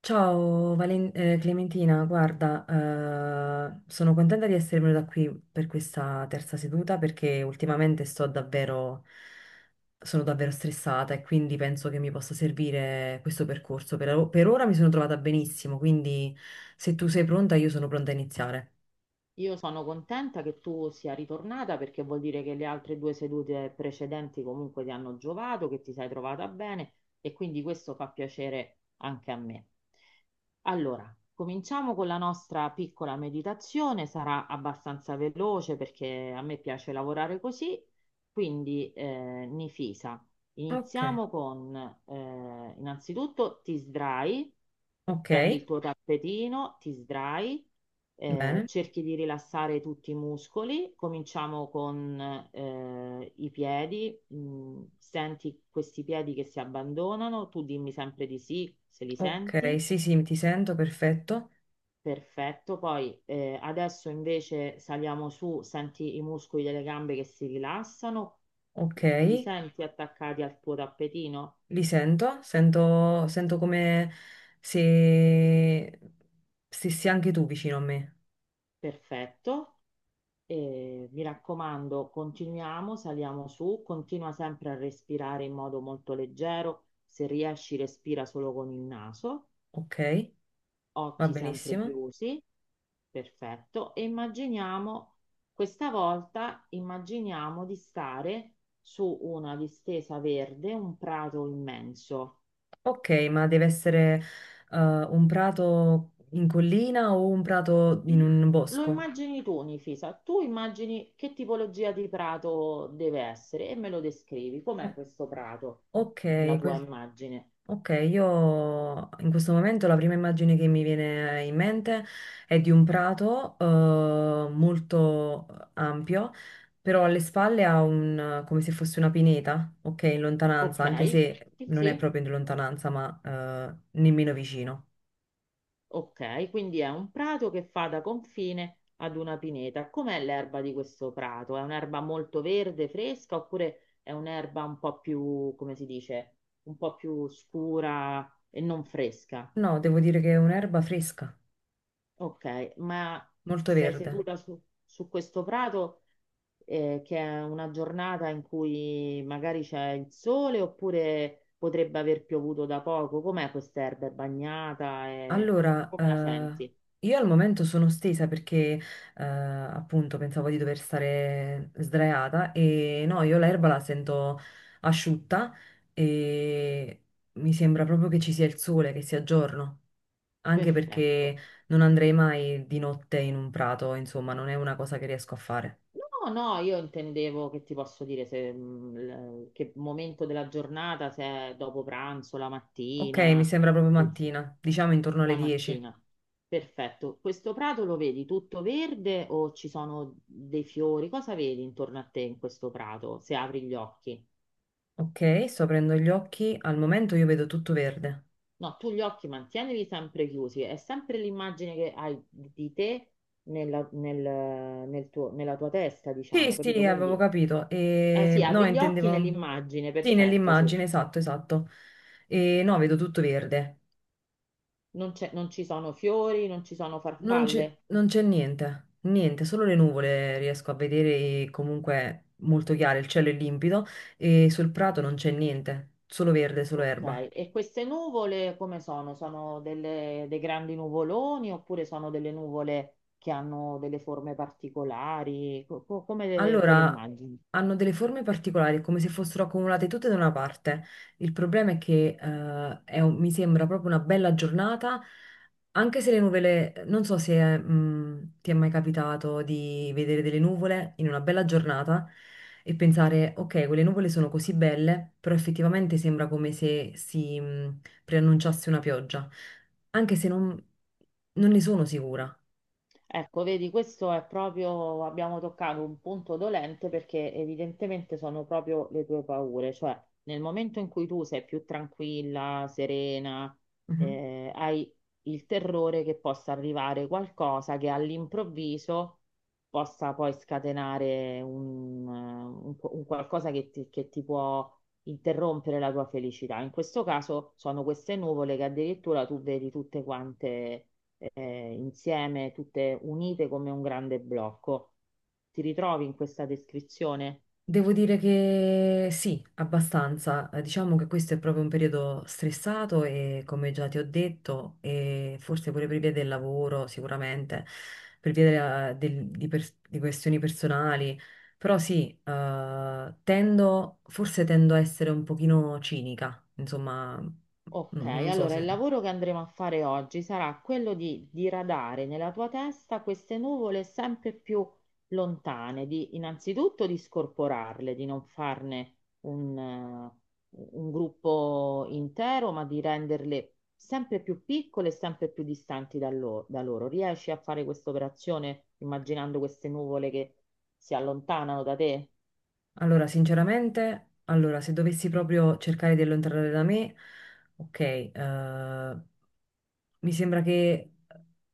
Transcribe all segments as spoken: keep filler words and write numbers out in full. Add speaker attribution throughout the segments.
Speaker 1: Ciao Valen- eh, Clementina, guarda, eh, sono contenta di essere venuta qui per questa terza seduta perché ultimamente sto davvero, sono davvero stressata e quindi penso che mi possa servire questo percorso. Per, per ora mi sono trovata benissimo, quindi se tu sei pronta io sono pronta a iniziare.
Speaker 2: Io sono contenta che tu sia ritornata perché vuol dire che le altre due sedute precedenti comunque ti hanno giovato, che ti sei trovata bene e quindi questo fa piacere anche a me. Allora, cominciamo con la nostra piccola meditazione, sarà abbastanza veloce perché a me piace lavorare così, quindi eh, Nifisa,
Speaker 1: Ok.
Speaker 2: iniziamo con eh, innanzitutto ti sdrai,
Speaker 1: Ok,
Speaker 2: prendi il tuo tappetino, ti sdrai eh,
Speaker 1: bene.
Speaker 2: cerchi di rilassare tutti i muscoli, cominciamo con eh, i piedi. Mm, senti questi piedi che si abbandonano, tu dimmi sempre di sì se li
Speaker 1: Ok,
Speaker 2: senti,
Speaker 1: sì sì, ti sento, perfetto.
Speaker 2: perfetto, poi eh, adesso invece saliamo su, senti i muscoli delle gambe che si rilassano,
Speaker 1: Ok.
Speaker 2: li senti attaccati al tuo tappetino,
Speaker 1: Li sento, sento, sento come se stessi anche tu vicino a me.
Speaker 2: perfetto. E mi raccomando, continuiamo, saliamo su, continua sempre a respirare in modo molto leggero. Se riesci, respira solo con il naso,
Speaker 1: Ok, va
Speaker 2: occhi sempre
Speaker 1: benissimo.
Speaker 2: chiusi, perfetto. E immaginiamo, questa volta, immaginiamo di stare su una distesa verde, un prato immenso.
Speaker 1: Ok, ma deve essere eh, un prato in collina o un prato in un
Speaker 2: Lo
Speaker 1: bosco?
Speaker 2: immagini tu, Nifisa, tu immagini che tipologia di prato deve essere e me lo descrivi. Com'è
Speaker 1: O-
Speaker 2: questo prato, la
Speaker 1: ok,
Speaker 2: tua
Speaker 1: questo.
Speaker 2: immagine?
Speaker 1: Ok, io in questo momento la prima immagine che mi viene in mente è di un prato eh, molto ampio, però alle spalle ha un, come se fosse una pineta, ok, in
Speaker 2: Ok,
Speaker 1: lontananza, anche se
Speaker 2: sì,
Speaker 1: non è
Speaker 2: sì,
Speaker 1: proprio in lontananza, ma eh, nemmeno vicino.
Speaker 2: ok, quindi è un prato che fa da confine ad una pineta. Com'è l'erba di questo prato? È un'erba molto verde, fresca, oppure è un'erba un po' più, come si dice, un po' più scura e non fresca?
Speaker 1: No, devo dire che è un'erba fresca,
Speaker 2: Ok, ma
Speaker 1: molto
Speaker 2: sei
Speaker 1: verde.
Speaker 2: seduta su su questo prato? Eh, che è una giornata in cui magari c'è il sole oppure potrebbe aver piovuto da poco. Com'è quest'erba? È bagnata? È-
Speaker 1: Allora,
Speaker 2: Come la
Speaker 1: eh,
Speaker 2: senti?
Speaker 1: io al momento sono stesa perché eh, appunto pensavo di dover stare sdraiata e no, io l'erba la sento asciutta e mi sembra proprio che ci sia il sole, che sia giorno, anche
Speaker 2: Perfetto.
Speaker 1: perché non andrei mai di notte in un prato, insomma, non è una cosa che riesco a fare.
Speaker 2: No, no, io intendevo che ti posso dire se, mh, l- che momento della giornata, se è dopo pranzo, la
Speaker 1: Ok, mi
Speaker 2: mattina,
Speaker 1: sembra proprio
Speaker 2: quel sì,
Speaker 1: mattina, diciamo intorno
Speaker 2: la
Speaker 1: alle dieci.
Speaker 2: mattina. Perfetto. Questo prato lo vedi tutto verde o ci sono dei fiori? Cosa vedi intorno a te in questo prato se apri gli occhi?
Speaker 1: Ok, sto aprendo gli occhi, al momento io vedo tutto verde.
Speaker 2: No, tu gli occhi mantienili sempre chiusi, è sempre l'immagine che hai di te nella, nel- nel tuo- nella tua testa,
Speaker 1: Sì,
Speaker 2: diciamo, capito?
Speaker 1: sì, avevo
Speaker 2: Quindi,
Speaker 1: capito.
Speaker 2: eh, sì,
Speaker 1: E... No,
Speaker 2: apri gli occhi
Speaker 1: intendevo...
Speaker 2: nell'immagine,
Speaker 1: Sì,
Speaker 2: perfetto, sì.
Speaker 1: nell'immagine, esatto, esatto. E no, vedo tutto verde.
Speaker 2: Non c'è- non ci sono fiori, non ci sono
Speaker 1: Non c'è
Speaker 2: farfalle.
Speaker 1: non c'è niente, niente, solo le nuvole riesco a vedere e comunque molto chiare, il cielo è limpido e sul prato non c'è niente, solo verde, solo erba.
Speaker 2: Ok, e queste nuvole come sono? Sono delle- dei grandi nuvoloni oppure sono delle nuvole che hanno delle forme particolari? Co- co- come te le
Speaker 1: Allora,
Speaker 2: immagini?
Speaker 1: hanno delle forme particolari, è come se fossero accumulate tutte da una parte. Il problema è che eh, è un- mi sembra proprio una bella giornata, anche se le nuvole, non so se mh, ti è mai capitato di vedere delle nuvole in una bella giornata e pensare, ok, quelle nuvole sono così belle, però effettivamente sembra come se si mh, preannunciasse una pioggia, anche se non, non ne sono sicura.
Speaker 2: Ecco, vedi, questo è proprio, abbiamo toccato un punto dolente perché evidentemente sono proprio le tue paure, cioè nel momento in cui tu sei più tranquilla, serena,
Speaker 1: Mhm.
Speaker 2: eh, hai il terrore che possa arrivare qualcosa che all'improvviso possa poi scatenare un, eh, un qu- un qualcosa che ti, che ti può interrompere la tua felicità. In questo caso sono queste nuvole che addirittura tu vedi tutte quante eh, insieme, tutte unite come un grande blocco. Ti ritrovi in questa descrizione?
Speaker 1: Devo dire che sì, abbastanza. Eh, Diciamo che questo è proprio un periodo stressato e come già ti ho detto, e forse pure per via del lavoro, sicuramente, per via della- del- di, pers- di questioni personali. Però sì, eh, tendo, forse tendo a essere un pochino cinica, insomma, mm,
Speaker 2: Ok,
Speaker 1: non so
Speaker 2: allora il
Speaker 1: se...
Speaker 2: lavoro che andremo a fare oggi sarà quello di diradare nella tua testa queste nuvole sempre più lontane, di innanzitutto di scorporarle, di non farne un, eh, un gruppo intero, ma di renderle sempre più piccole e sempre più distanti da, lo- da loro. Riesci a fare questa operazione immaginando queste nuvole che si allontanano da te?
Speaker 1: Allora, sinceramente, allora, se dovessi proprio cercare di allontanare da me, ok, eh, mi sembra che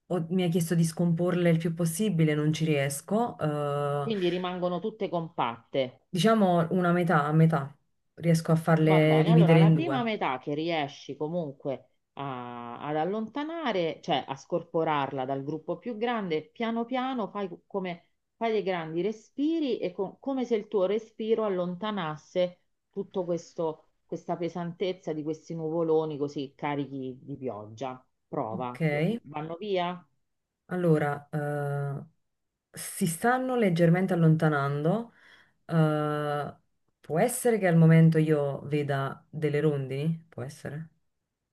Speaker 1: ho- mi ha chiesto di scomporle il più possibile, non ci riesco. Eh,
Speaker 2: Quindi rimangono tutte compatte.
Speaker 1: diciamo una metà, a metà, riesco a
Speaker 2: Va
Speaker 1: farle
Speaker 2: bene, allora
Speaker 1: dividere
Speaker 2: la
Speaker 1: in
Speaker 2: prima
Speaker 1: due.
Speaker 2: metà che riesci comunque a- ad allontanare, cioè a scorporarla dal gruppo più grande, piano piano fai come fai dei grandi respiri e co- come se il tuo respiro allontanasse tutto questo, questa pesantezza di questi nuvoloni così carichi di pioggia.
Speaker 1: Ok,
Speaker 2: Prova, Lo- vanno via?
Speaker 1: allora, eh, si stanno leggermente allontanando. eh, Può essere che al momento io veda delle rondini? Può essere.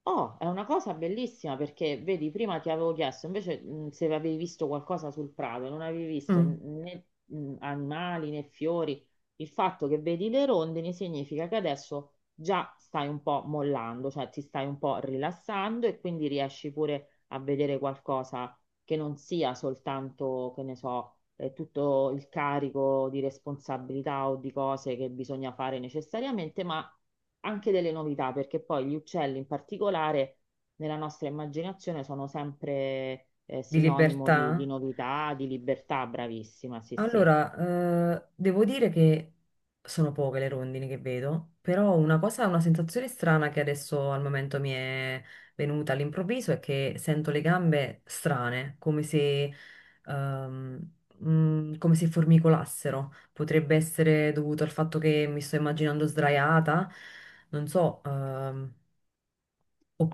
Speaker 2: Oh, è una cosa bellissima perché vedi, prima ti avevo chiesto invece mh, se avevi visto qualcosa sul prato, non avevi visto
Speaker 1: Mm.
Speaker 2: né mh, animali né fiori. Il fatto che vedi le rondini significa che adesso già stai un po' mollando, cioè ti stai un po' rilassando e quindi riesci pure a vedere qualcosa che non sia soltanto, che ne so, eh, tutto il carico di responsabilità o di cose che bisogna fare necessariamente, ma anche delle novità, perché poi gli uccelli in particolare nella nostra immaginazione sono sempre eh,
Speaker 1: Di
Speaker 2: sinonimo
Speaker 1: libertà?
Speaker 2: di, di novità, di libertà, bravissima, sì, sì.
Speaker 1: Allora, eh, devo dire che sono poche le rondini che vedo, però una cosa, una sensazione strana che adesso al momento mi è venuta all'improvviso è che sento le gambe strane, come se, ehm, mm, come se formicolassero. Potrebbe essere dovuto al fatto che mi sto immaginando sdraiata, non so, ehm,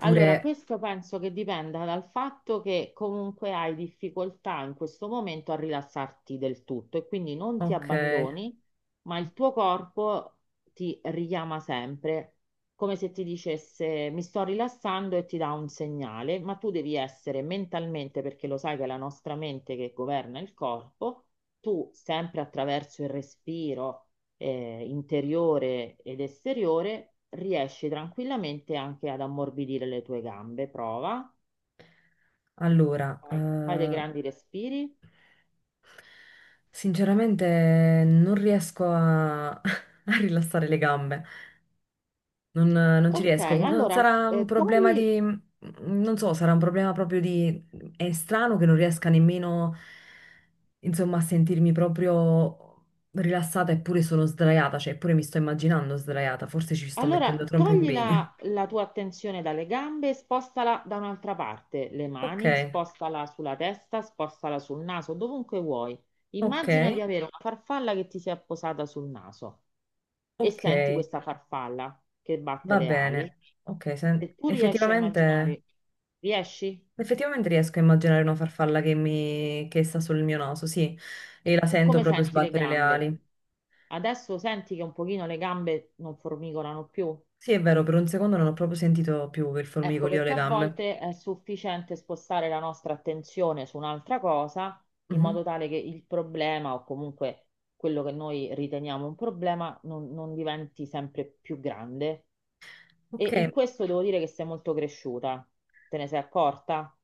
Speaker 2: Allora, questo penso che dipenda dal fatto che comunque hai difficoltà in questo momento a rilassarti del tutto e quindi non ti
Speaker 1: ok,
Speaker 2: abbandoni, ma il tuo corpo ti richiama sempre, come se ti dicesse mi sto rilassando e ti dà un segnale, ma tu devi essere mentalmente, perché lo sai che è la nostra mente che governa il corpo, tu sempre attraverso il respiro eh, interiore ed esteriore, riesci tranquillamente anche ad ammorbidire le tue gambe. Prova,
Speaker 1: allora,
Speaker 2: vai. Fai dei
Speaker 1: eh,
Speaker 2: grandi respiri.
Speaker 1: sinceramente non riesco a, a rilassare le gambe, non, non ci
Speaker 2: Ok,
Speaker 1: riesco. No,
Speaker 2: allora
Speaker 1: sarà un
Speaker 2: eh,
Speaker 1: problema
Speaker 2: togli
Speaker 1: di, non so, sarà un problema proprio di... È strano che non riesca nemmeno, insomma, a sentirmi proprio rilassata eppure sono sdraiata, cioè eppure mi sto immaginando sdraiata, forse ci sto mettendo
Speaker 2: Allora,
Speaker 1: troppo
Speaker 2: togli
Speaker 1: impegno.
Speaker 2: la, la tua attenzione dalle gambe, e spostala da un'altra parte, le
Speaker 1: Ok,
Speaker 2: mani, spostala sulla testa, spostala sul naso, dovunque vuoi.
Speaker 1: ok,
Speaker 2: Immagina di avere una farfalla che ti si è posata sul naso e
Speaker 1: ok,
Speaker 2: senti questa farfalla che batte
Speaker 1: va
Speaker 2: le ali.
Speaker 1: bene. Ok, sen-
Speaker 2: Se tu riesci a
Speaker 1: effettivamente...
Speaker 2: immaginare, riesci?
Speaker 1: Effettivamente riesco a immaginare una farfalla che, mi... che sta sul mio naso, sì, e
Speaker 2: E
Speaker 1: la sento
Speaker 2: come
Speaker 1: proprio
Speaker 2: senti le
Speaker 1: sbattere le
Speaker 2: gambe?
Speaker 1: ali.
Speaker 2: Adesso senti che un pochino le gambe non formicolano più?
Speaker 1: Sì, è vero, per un secondo non ho proprio sentito più il
Speaker 2: Ecco,
Speaker 1: formicolio o
Speaker 2: perché
Speaker 1: le
Speaker 2: a
Speaker 1: gambe.
Speaker 2: volte è sufficiente spostare la nostra attenzione su un'altra cosa in
Speaker 1: Mhm.
Speaker 2: modo tale che il problema o comunque quello che noi riteniamo un problema non, non diventi sempre più grande. E
Speaker 1: Ok,
Speaker 2: in questo devo dire che sei molto cresciuta. Te ne sei accorta?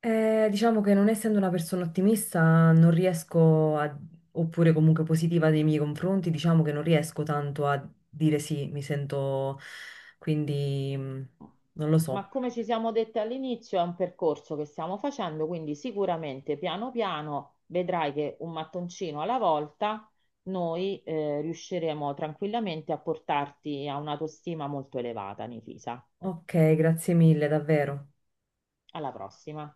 Speaker 1: eh, diciamo che non essendo una persona ottimista, non riesco a... oppure comunque positiva nei miei confronti, diciamo che non riesco tanto a dire sì, mi sento... quindi mm, non lo
Speaker 2: Ma
Speaker 1: so.
Speaker 2: come ci siamo dette all'inizio, è un percorso che stiamo facendo, quindi sicuramente piano piano vedrai che un mattoncino alla volta noi eh, riusciremo tranquillamente a portarti a un'autostima molto elevata, Nifisa.
Speaker 1: Ok, grazie mille, davvero.
Speaker 2: Alla prossima.